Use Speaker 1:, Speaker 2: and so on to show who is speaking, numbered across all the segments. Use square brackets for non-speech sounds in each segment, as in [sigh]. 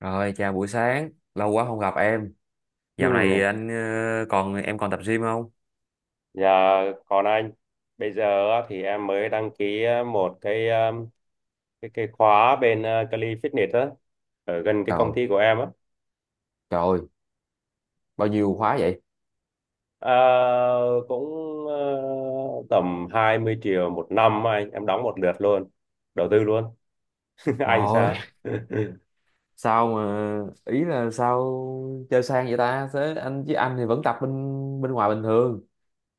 Speaker 1: Rồi, chào buổi sáng. Lâu quá không gặp em.
Speaker 2: Ừ.
Speaker 1: Dạo này anh, còn em còn tập gym không?
Speaker 2: Dạ, còn anh bây giờ á thì em mới đăng ký một cái cái khóa bên Cali Fitness á, ở gần cái công
Speaker 1: Trời,
Speaker 2: ty của em á.
Speaker 1: trời ơi, bao nhiêu khóa vậy?
Speaker 2: Ờ, Cũng ờ, tầm 20 triệu một năm á, anh, em đóng một lượt luôn, đầu tư luôn. [laughs]
Speaker 1: Trời
Speaker 2: Anh
Speaker 1: ơi,
Speaker 2: sao? [laughs]
Speaker 1: sao mà, ý là sao chơi sang vậy ta? Thế anh, chứ anh thì vẫn tập bên bên ngoài bình thường,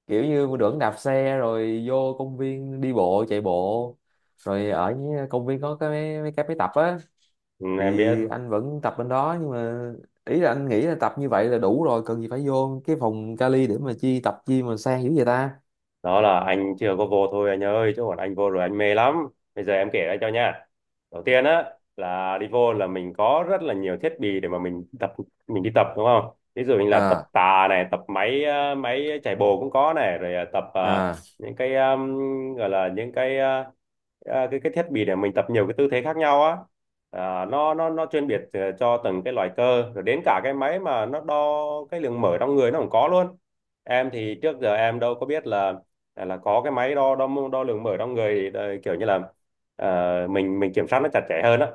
Speaker 1: kiểu như vẫn đạp xe rồi vô công viên đi bộ chạy bộ, rồi ở những công viên có cái mấy mấy cái máy tập á.
Speaker 2: Ừ,
Speaker 1: Thì
Speaker 2: em biết.
Speaker 1: anh vẫn tập bên đó, nhưng mà ý là anh nghĩ là tập như vậy là đủ rồi, cần gì phải vô cái phòng kali để mà chi tập chi mà sang dữ vậy ta.
Speaker 2: Đó là anh chưa có vô thôi anh ơi, chứ còn anh vô rồi anh mê lắm. Bây giờ em kể ra cho nha. Đầu tiên á là đi vô là mình có rất là nhiều thiết bị để mà mình tập, mình đi tập, đúng không? Ví dụ như là tập
Speaker 1: À,
Speaker 2: tạ này, tập máy máy chạy bộ cũng có này, rồi
Speaker 1: à,
Speaker 2: những cái gọi là những cái cái thiết bị để mình tập nhiều cái tư thế khác nhau á. À, nó chuyên biệt cho từng cái loại cơ, rồi đến cả cái máy mà nó đo cái lượng mỡ trong người nó cũng có luôn. Em thì trước giờ em đâu có biết là là có cái máy đo đo đo lượng mỡ trong người, thì kiểu như là ờ, mình kiểm soát nó chặt chẽ hơn á.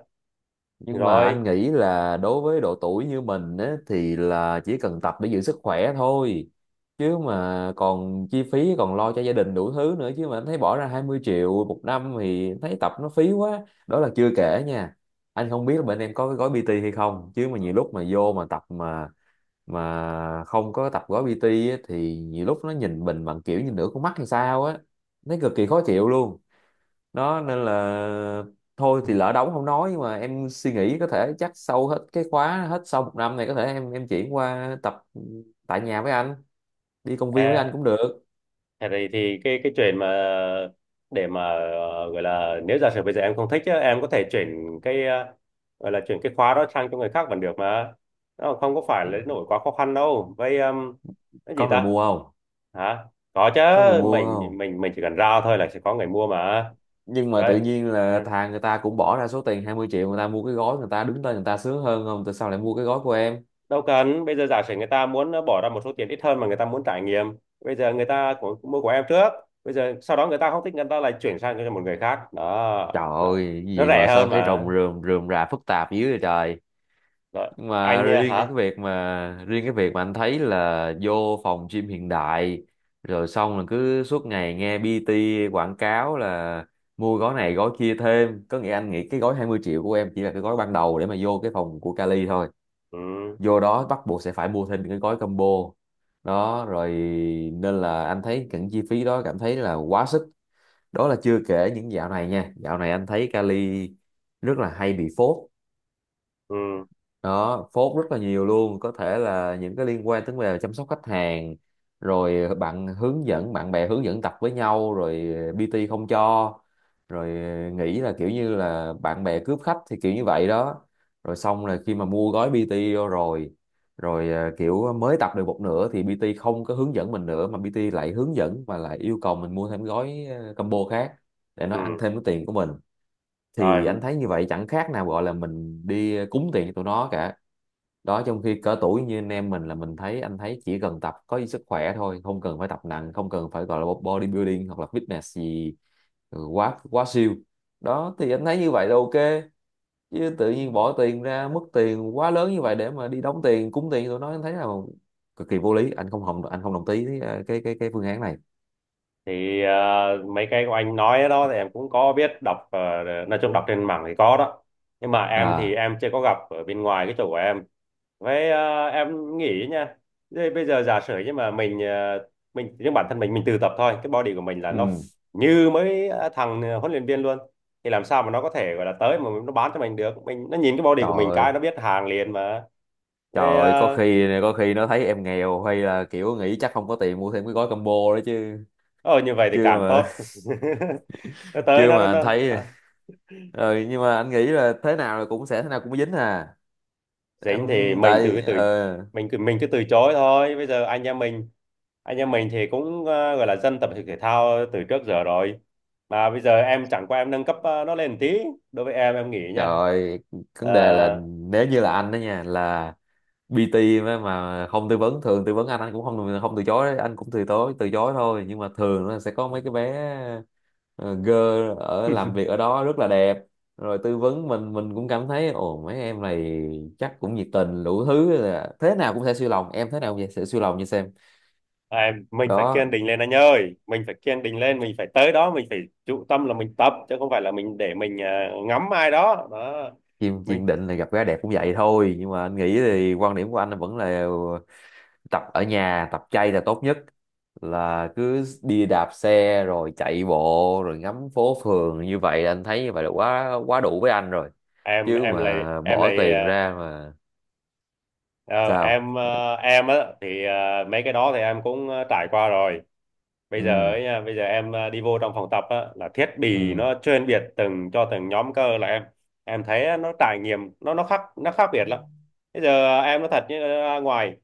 Speaker 1: nhưng mà anh
Speaker 2: Rồi.
Speaker 1: nghĩ là đối với độ tuổi như mình á, thì là chỉ cần tập để giữ sức khỏe thôi, chứ mà còn chi phí còn lo cho gia đình đủ thứ nữa. Chứ mà anh thấy bỏ ra 20 triệu một năm thì thấy tập nó phí quá. Đó là chưa kể nha, anh không biết là bên em có cái gói PT hay không, chứ mà nhiều lúc mà vô mà tập mà không có tập gói PT á, thì nhiều lúc nó nhìn mình bằng kiểu như nửa con mắt hay sao á, thấy cực kỳ khó chịu luôn. Đó nên là thôi thì lỡ đóng không nói, nhưng mà em suy nghĩ có thể chắc sau hết cái khóa, hết sau một năm này có thể em chuyển qua tập tại nhà với anh, đi công viên với anh
Speaker 2: À,
Speaker 1: cũng được.
Speaker 2: thế thì cái chuyện mà để mà gọi là, nếu giả sử bây giờ em không thích á, em có thể chuyển cái gọi là chuyển cái khóa đó sang cho người khác vẫn được mà. Nó không có phải là nổi quá khó khăn đâu. Vậy cái gì
Speaker 1: Có người
Speaker 2: ta?
Speaker 1: mua không?
Speaker 2: Hả? Có chứ.
Speaker 1: Có người mua không?
Speaker 2: Mình chỉ cần ra thôi là sẽ có người mua mà.
Speaker 1: Nhưng mà
Speaker 2: Vậy
Speaker 1: tự nhiên là thà người ta cũng bỏ ra số tiền 20 triệu người ta mua cái gói người ta đứng tên người ta sướng hơn không, tại sao lại mua cái gói của em?
Speaker 2: đâu cần. Bây giờ giả sử người ta muốn bỏ ra một số tiền ít hơn mà người ta muốn trải nghiệm. Bây giờ người ta mua của em trước. Bây giờ sau đó người ta không thích, người ta lại chuyển sang cho một người khác đó.
Speaker 1: Trời
Speaker 2: nó,
Speaker 1: ơi, cái
Speaker 2: nó
Speaker 1: gì
Speaker 2: rẻ
Speaker 1: mà sao
Speaker 2: hơn
Speaker 1: thấy
Speaker 2: mà.
Speaker 1: rồng rườm rườm rà phức tạp dữ vậy trời.
Speaker 2: Rồi.
Speaker 1: Nhưng mà
Speaker 2: Anh
Speaker 1: riêng cái
Speaker 2: hả?
Speaker 1: việc mà riêng cái việc mà anh thấy là vô phòng gym hiện đại, rồi xong là cứ suốt ngày nghe PT quảng cáo là mua gói này gói kia thêm, có nghĩa anh nghĩ cái gói 20 triệu của em chỉ là cái gói ban đầu để mà vô cái phòng của Cali thôi.
Speaker 2: Ừ.
Speaker 1: Vô đó bắt buộc sẽ phải mua thêm cái gói combo đó rồi, nên là anh thấy những chi phí đó cảm thấy là quá sức. Đó là chưa kể những dạo này nha, dạo này anh thấy Cali rất là hay bị phốt,
Speaker 2: Ừ.
Speaker 1: đó phốt rất là nhiều luôn. Có thể là những cái liên quan tới về chăm sóc khách hàng, rồi bạn hướng dẫn bạn bè hướng dẫn tập với nhau rồi PT không cho, rồi nghĩ là kiểu như là bạn bè cướp khách thì kiểu như vậy đó. Rồi xong là khi mà mua gói PT vô rồi, rồi kiểu mới tập được một nửa thì PT không có hướng dẫn mình nữa, mà PT lại hướng dẫn và lại yêu cầu mình mua thêm gói combo khác để nó ăn
Speaker 2: Ừ.
Speaker 1: thêm cái tiền của mình. Thì anh
Speaker 2: Rồi,
Speaker 1: thấy như vậy chẳng khác nào gọi là mình đi cúng tiền cho tụi nó cả. Đó, trong khi cỡ tuổi như anh em mình là mình thấy anh thấy chỉ cần tập có sức khỏe thôi, không cần phải tập nặng, không cần phải gọi là bodybuilding hoặc là fitness gì, quá quá siêu. Đó thì anh thấy như vậy là ok, chứ tự nhiên bỏ tiền ra mất tiền quá lớn như vậy để mà đi đóng tiền cúng tiền tụi nó anh thấy là cực kỳ vô lý. Anh không hồng, anh không đồng ý với, cái cái phương án này.
Speaker 2: thì mấy cái của anh nói đó thì em cũng có biết, đọc nói chung đọc trên mạng thì có đó. Nhưng mà em thì
Speaker 1: À,
Speaker 2: em chưa có gặp ở bên ngoài cái chỗ của em. Vậy em nghĩ nha. Thế bây giờ giả sử, nhưng mà mình bản thân mình tự tập thôi, cái body của mình là nó
Speaker 1: ừ.
Speaker 2: như mấy thằng huấn luyện viên luôn. Thì làm sao mà nó có thể gọi là tới mà nó bán cho mình được. Mình, nó nhìn cái body của mình
Speaker 1: Trời ơi,
Speaker 2: cái nó biết hàng liền mà.
Speaker 1: trời
Speaker 2: Vậy.
Speaker 1: ơi, có
Speaker 2: Ờ
Speaker 1: khi có khi nó thấy em nghèo hay là kiểu nghĩ chắc không có tiền mua thêm cái gói combo đó chứ.
Speaker 2: ờ, Như vậy thì
Speaker 1: Chưa
Speaker 2: càng
Speaker 1: mà.
Speaker 2: tốt. [laughs] Nó
Speaker 1: [laughs]
Speaker 2: tới
Speaker 1: Chưa
Speaker 2: nó nó,
Speaker 1: mà anh
Speaker 2: nó.
Speaker 1: thấy
Speaker 2: ờ.
Speaker 1: rồi, nhưng mà anh nghĩ là thế nào là cũng sẽ thế nào cũng dính à.
Speaker 2: Dính thì
Speaker 1: Anh
Speaker 2: mình từ cái
Speaker 1: tại,
Speaker 2: từ mình cứ từ chối thôi. Bây giờ anh em mình thì cũng gọi là dân tập thể dục thể thao từ trước giờ rồi. Mà bây giờ em chẳng qua em nâng cấp nó lên một tí. Đối với em nghĩ nha.
Speaker 1: trời, vấn đề là
Speaker 2: Ờ,
Speaker 1: nếu như là anh đó nha, là PT mà không tư vấn, thường tư vấn anh cũng không không từ chối đấy, anh cũng từ chối thôi, nhưng mà thường nó sẽ có mấy cái bé, ờ, girl ở làm
Speaker 2: [laughs]
Speaker 1: việc ở đó rất là đẹp, rồi tư vấn mình, cũng cảm thấy ồ mấy em này chắc cũng nhiệt tình đủ thứ, là thế nào cũng sẽ siêu lòng em, thế nào cũng sẽ siêu lòng như xem.
Speaker 2: em, mình phải kiên
Speaker 1: Đó.
Speaker 2: định lên anh ơi, mình phải kiên định lên, mình phải tới đó mình phải chú tâm là mình tập chứ không phải là mình để mình ngắm ai đó đó.
Speaker 1: Chim kiên
Speaker 2: Mình.
Speaker 1: định là gặp gái đẹp cũng vậy thôi, nhưng mà anh nghĩ thì quan điểm của anh vẫn là tập ở nhà tập chay là tốt nhất, là cứ đi đạp xe rồi chạy bộ rồi ngắm phố phường, như vậy là anh thấy như vậy là quá quá đủ với anh rồi.
Speaker 2: em
Speaker 1: Chứ
Speaker 2: em là
Speaker 1: mà
Speaker 2: em
Speaker 1: bỏ
Speaker 2: là
Speaker 1: tiền ra mà.
Speaker 2: Ờ,
Speaker 1: Sao?
Speaker 2: em ờ, em á thì mấy cái đó thì em cũng trải qua rồi. Bây giờ
Speaker 1: Ừ,
Speaker 2: ấy nha, bây giờ em đi vô trong phòng tập á là thiết bị
Speaker 1: ừ,
Speaker 2: nó chuyên biệt từng cho từng nhóm cơ là em thấy á, nó trải nghiệm nó nó khác biệt lắm. Bây giờ em nói thật, như ra ngoài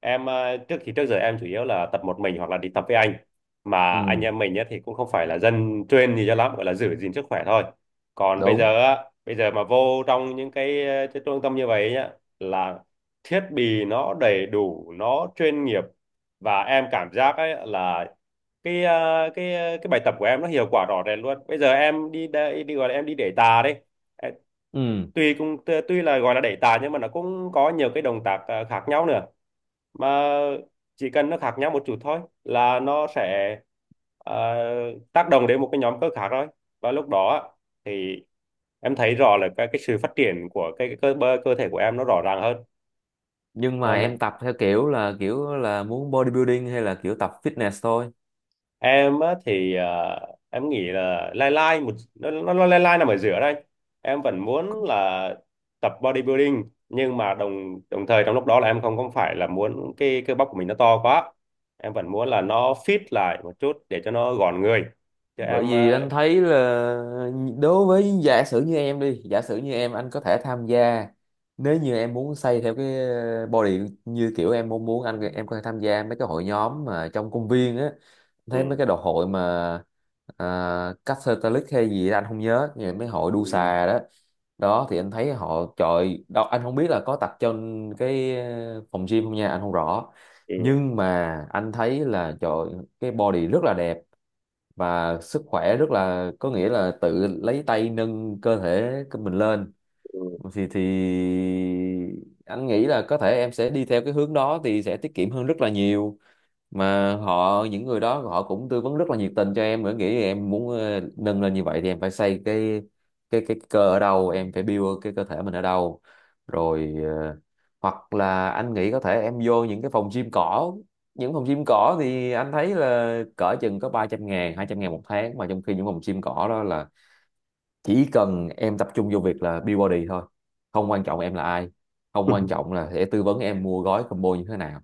Speaker 2: em trước giờ em chủ yếu là tập một mình hoặc là đi tập với anh. Mà anh
Speaker 1: ừ,
Speaker 2: em mình á thì cũng không phải là dân chuyên gì cho lắm, gọi là giữ gìn sức khỏe thôi. Còn bây
Speaker 1: đúng,
Speaker 2: giờ á, bây giờ mà vô trong những cái, cái trung tâm như vậy nhá, là thiết bị nó đầy đủ, nó chuyên nghiệp, và em cảm giác ấy là cái cái bài tập của em nó hiệu quả rõ rệt luôn. Bây giờ em đi đây đi, gọi là em đi đẩy tạ đấy. Em-
Speaker 1: ừ.
Speaker 2: tuy cũng tuy là gọi là đẩy tạ nhưng mà nó cũng có nhiều cái động tác khác nhau nữa. Mà chỉ cần nó khác nhau một chút thôi là nó sẽ ờ, tác động đến một cái nhóm cơ khác thôi. Và lúc đó á thì em thấy rõ là cái sự phát triển của cơ thể của em nó rõ ràng hơn.
Speaker 1: Nhưng mà
Speaker 2: Cho nên
Speaker 1: em tập theo kiểu là muốn bodybuilding hay là kiểu tập fitness thôi?
Speaker 2: em á thì em nghĩ là lai lai nó lai lai nằm ở giữa đây. Em vẫn muốn là tập bodybuilding nhưng mà đồng đồng thời trong lúc đó là em không không phải là muốn cái cơ bắp của mình nó to quá. Em vẫn muốn là nó fit lại một chút để cho nó gọn người, cho
Speaker 1: Bởi
Speaker 2: em
Speaker 1: vì anh thấy là đối với, giả sử như em đi, giả sử như em anh có thể tham gia, nếu như em muốn xây theo cái, body như kiểu em mong muốn, anh em có thể tham gia mấy cái hội nhóm mà trong công viên á. Anh
Speaker 2: ừ.
Speaker 1: thấy mấy cái đồ hội mà, Catholic hay gì đó, anh không nhớ, nhưng mấy hội đu
Speaker 2: Ừ.
Speaker 1: xà đó. Đó thì anh thấy họ, trời đâu anh không biết là có tập trong cái, phòng gym không nha, anh không rõ.
Speaker 2: Ừ.
Speaker 1: Nhưng mà anh thấy là trời, cái body rất là đẹp và sức khỏe rất là, có nghĩa là tự lấy tay nâng cơ thể của mình lên. Thì anh nghĩ là có thể em sẽ đi theo cái hướng đó thì sẽ tiết kiệm hơn rất là nhiều, mà họ những người đó họ cũng tư vấn rất là nhiệt tình cho em. Em nghĩ em muốn nâng lên như vậy thì em phải xây cái cơ ở đâu, em phải build cái cơ thể mình ở đâu. Rồi, hoặc là anh nghĩ có thể em vô những cái phòng gym cỏ. Những phòng gym cỏ thì anh thấy là cỡ chừng có 300.000, 200.000 một tháng. Mà trong khi những phòng gym cỏ đó là chỉ cần em tập trung vô việc là build body thôi, không quan trọng em là ai, không quan
Speaker 2: [laughs]
Speaker 1: trọng là sẽ tư vấn em mua gói combo như thế nào.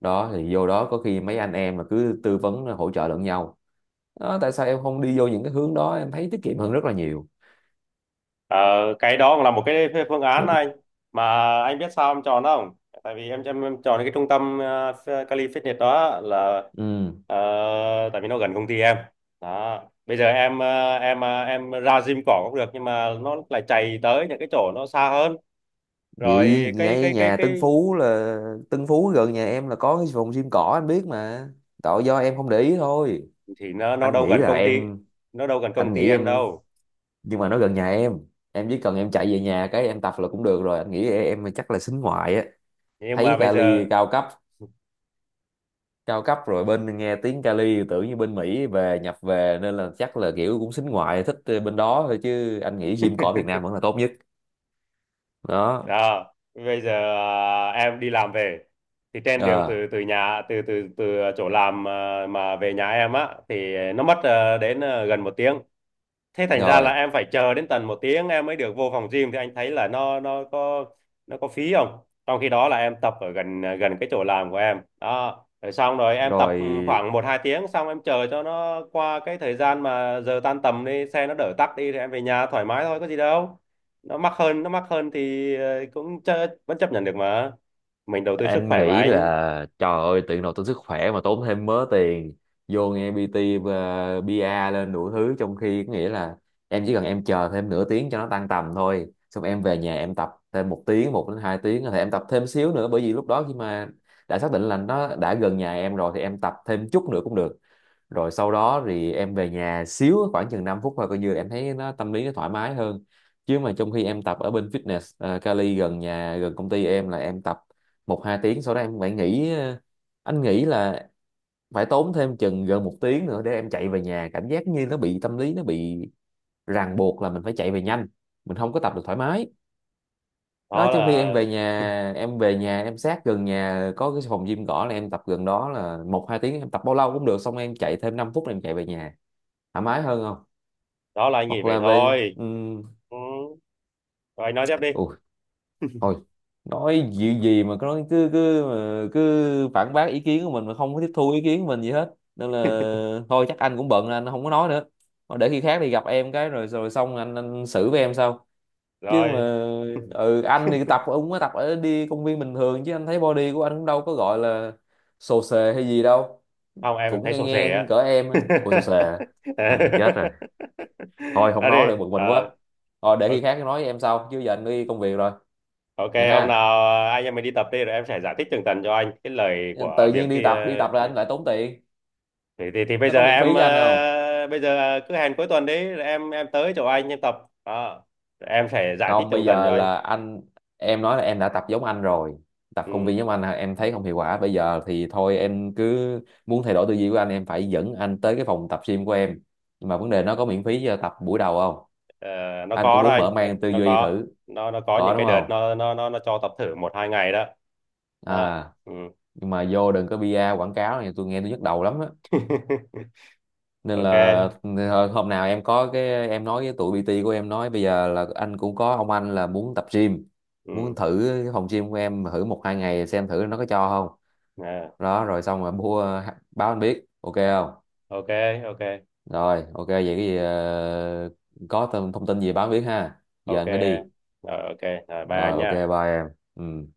Speaker 1: Đó thì vô đó có khi mấy anh em là cứ tư vấn, hỗ trợ lẫn nhau. Đó, tại sao em không đi vô những cái hướng đó, em thấy tiết kiệm hơn rất là nhiều.
Speaker 2: Ờ, cái đó cũng là một cái phương án anh. Mà anh biết sao em chọn không? Tại vì em chọn cái trung tâm Cali Fitness đó là
Speaker 1: Ừ.
Speaker 2: tại vì nó gần công ty em. Đó. Bây giờ em ra gym cỏ cũng được nhưng mà nó lại chạy tới những cái chỗ nó xa hơn.
Speaker 1: Vậy
Speaker 2: Rồi.
Speaker 1: ngay nhà Tân
Speaker 2: Cái
Speaker 1: Phú là Tân Phú gần nhà em là có cái phòng gym cỏ anh biết mà, tội do em không để ý thôi.
Speaker 2: thì Nó
Speaker 1: Anh
Speaker 2: đâu
Speaker 1: nghĩ
Speaker 2: gần
Speaker 1: là
Speaker 2: công ty,
Speaker 1: em,
Speaker 2: nó đâu gần công
Speaker 1: anh
Speaker 2: ty
Speaker 1: nghĩ
Speaker 2: em
Speaker 1: em,
Speaker 2: đâu.
Speaker 1: nhưng mà nó gần nhà em chỉ cần em chạy về nhà cái em tập là cũng được rồi. Anh nghĩ em chắc là xính ngoại á,
Speaker 2: Nhưng mà
Speaker 1: thấy
Speaker 2: bây
Speaker 1: kali
Speaker 2: giờ.
Speaker 1: cao cấp, cao cấp rồi bên nghe tiếng Cali tưởng như bên Mỹ về nhập về nên là chắc là kiểu cũng xính ngoại, thích bên đó thôi, chứ anh nghĩ gym cỏ Việt Nam vẫn là tốt nhất. Đó.
Speaker 2: Đó. Bây giờ à, em đi làm về thì trên đường
Speaker 1: Ờ,
Speaker 2: từ từ nhà từ từ từ chỗ làm à, mà về nhà em á thì nó mất à, đến à, gần một tiếng. Thế thành ra là
Speaker 1: rồi,
Speaker 2: em phải chờ đến tận một tiếng em mới được vô phòng gym, thì anh thấy là nó nó có phí không. Trong khi đó là em tập ở gần gần cái chỗ làm của em đó, rồi xong rồi em tập
Speaker 1: rồi
Speaker 2: khoảng một hai tiếng, xong em chờ cho nó qua cái thời gian mà giờ tan tầm đi xe nó đỡ tắc đi thì em về nhà thoải mái thôi, có gì đâu. Nó mắc hơn, nó mắc hơn thì cũng chớ, vẫn chấp nhận được mà. Mình đầu tư sức
Speaker 1: anh
Speaker 2: khỏe mà
Speaker 1: nghĩ
Speaker 2: anh.
Speaker 1: là trời ơi tiện đầu tốn sức khỏe mà tốn thêm mớ tiền vô nghe PT và PR lên đủ thứ, trong khi có nghĩa là em chỉ cần em chờ thêm nửa tiếng cho nó tăng tầm thôi, xong em về nhà em tập thêm một tiếng, một đến hai tiếng thì em tập thêm xíu nữa. Bởi vì lúc đó khi mà đã xác định là nó đã gần nhà em rồi thì em tập thêm chút nữa cũng được. Rồi sau đó thì em về nhà xíu, khoảng chừng 5 phút thôi, coi như là em thấy nó tâm lý nó thoải mái hơn. Chứ mà trong khi em tập ở bên fitness, Cali gần nhà gần công ty em là em tập một hai tiếng, sau đó em phải nghỉ, anh nghĩ là phải tốn thêm chừng gần một tiếng nữa để em chạy về nhà, cảm giác như nó bị tâm lý nó bị ràng buộc là mình phải chạy về nhanh, mình không có tập được thoải mái. Đó.
Speaker 2: đó
Speaker 1: Trong khi em
Speaker 2: là
Speaker 1: về nhà, em về nhà em sát gần nhà có cái phòng gym cỏ là em tập gần đó là một hai tiếng, em tập bao lâu cũng được xong em chạy thêm 5 phút là em chạy về nhà, thoải mái hơn không?
Speaker 2: đó là anh nghĩ
Speaker 1: Hoặc
Speaker 2: vậy
Speaker 1: là về,
Speaker 2: thôi. Ừ. Rồi, anh nói tiếp đi.
Speaker 1: ui thôi. Nói gì gì mà cứ nói, cứ cứ mà cứ phản bác ý kiến của mình mà không có tiếp thu ý kiến của mình gì hết, nên là thôi chắc anh cũng bận nên anh không có nói nữa. Thôi để khi khác thì gặp em cái rồi rồi xong anh xử với em sau chứ mà.
Speaker 2: Rồi. [laughs]
Speaker 1: Ừ, anh thì tập ông có tập ở đi công viên bình thường, chứ anh thấy body của anh cũng đâu có gọi là xồ xề hay gì đâu,
Speaker 2: Không, em
Speaker 1: cũng
Speaker 2: thấy
Speaker 1: ngang
Speaker 2: sổ sẻ
Speaker 1: ngang
Speaker 2: á.
Speaker 1: cỡ em á. Ủa, xồ
Speaker 2: [laughs]
Speaker 1: xề? Thằng này chết rồi. Thôi không
Speaker 2: À
Speaker 1: nói
Speaker 2: đi
Speaker 1: nữa, bực mình
Speaker 2: ờ,
Speaker 1: quá. Thôi để khi
Speaker 2: o-
Speaker 1: khác nói với em sau, chứ giờ anh đi công việc rồi.
Speaker 2: ok,
Speaker 1: Vậy
Speaker 2: hôm nào
Speaker 1: ha?
Speaker 2: anh em mình đi tập đi rồi em sẽ giải thích tường tận cho anh cái lời
Speaker 1: Tự
Speaker 2: của
Speaker 1: nhiên
Speaker 2: việc đi
Speaker 1: đi tập là anh
Speaker 2: đấy.
Speaker 1: lại tốn tiền.
Speaker 2: Thì bây
Speaker 1: Nó
Speaker 2: giờ
Speaker 1: có miễn phí cho anh không?
Speaker 2: bây giờ cứ hẹn cuối tuần đấy, rồi em tới chỗ anh em tập. Đó. Rồi em sẽ giải thích
Speaker 1: Không,
Speaker 2: tường
Speaker 1: bây
Speaker 2: tận
Speaker 1: giờ
Speaker 2: cho anh.
Speaker 1: là anh, em nói là em đã tập giống anh rồi, tập công
Speaker 2: Ừ.
Speaker 1: viên giống anh là em thấy không hiệu quả, bây giờ thì thôi em cứ muốn thay đổi tư duy của anh em phải dẫn anh tới cái phòng tập gym của em. Nhưng mà vấn đề nó có miễn phí cho tập buổi đầu không?
Speaker 2: ờ, nó
Speaker 1: Anh cũng
Speaker 2: có đó
Speaker 1: muốn mở
Speaker 2: anh, nó,
Speaker 1: mang tư
Speaker 2: nó
Speaker 1: duy
Speaker 2: có
Speaker 1: thử,
Speaker 2: nó nó có
Speaker 1: có
Speaker 2: những cái
Speaker 1: đúng
Speaker 2: đợt
Speaker 1: không?
Speaker 2: nó cho tập thử một hai ngày đó. Đó.
Speaker 1: À,
Speaker 2: Ừ.
Speaker 1: nhưng mà vô đừng có bia quảng cáo này, tôi nghe tôi nhức đầu lắm á.
Speaker 2: [laughs]
Speaker 1: Nên
Speaker 2: Ok.
Speaker 1: là thôi, hôm nào em có cái em nói với tụi PT của em nói bây giờ là anh cũng có ông anh là muốn tập gym, muốn
Speaker 2: Ừ.
Speaker 1: thử cái phòng gym của em thử một hai ngày xem thử nó có cho không.
Speaker 2: À.
Speaker 1: Đó rồi xong rồi bu báo anh biết, ok không?
Speaker 2: Ok. Ok.
Speaker 1: Rồi ok vậy cái gì, có thông thông tin gì báo anh biết ha, giờ
Speaker 2: Ok.
Speaker 1: anh phải đi.
Speaker 2: Rồi. Ok. Rồi, ba
Speaker 1: Rồi ok,
Speaker 2: nha.
Speaker 1: bye em. Ừ.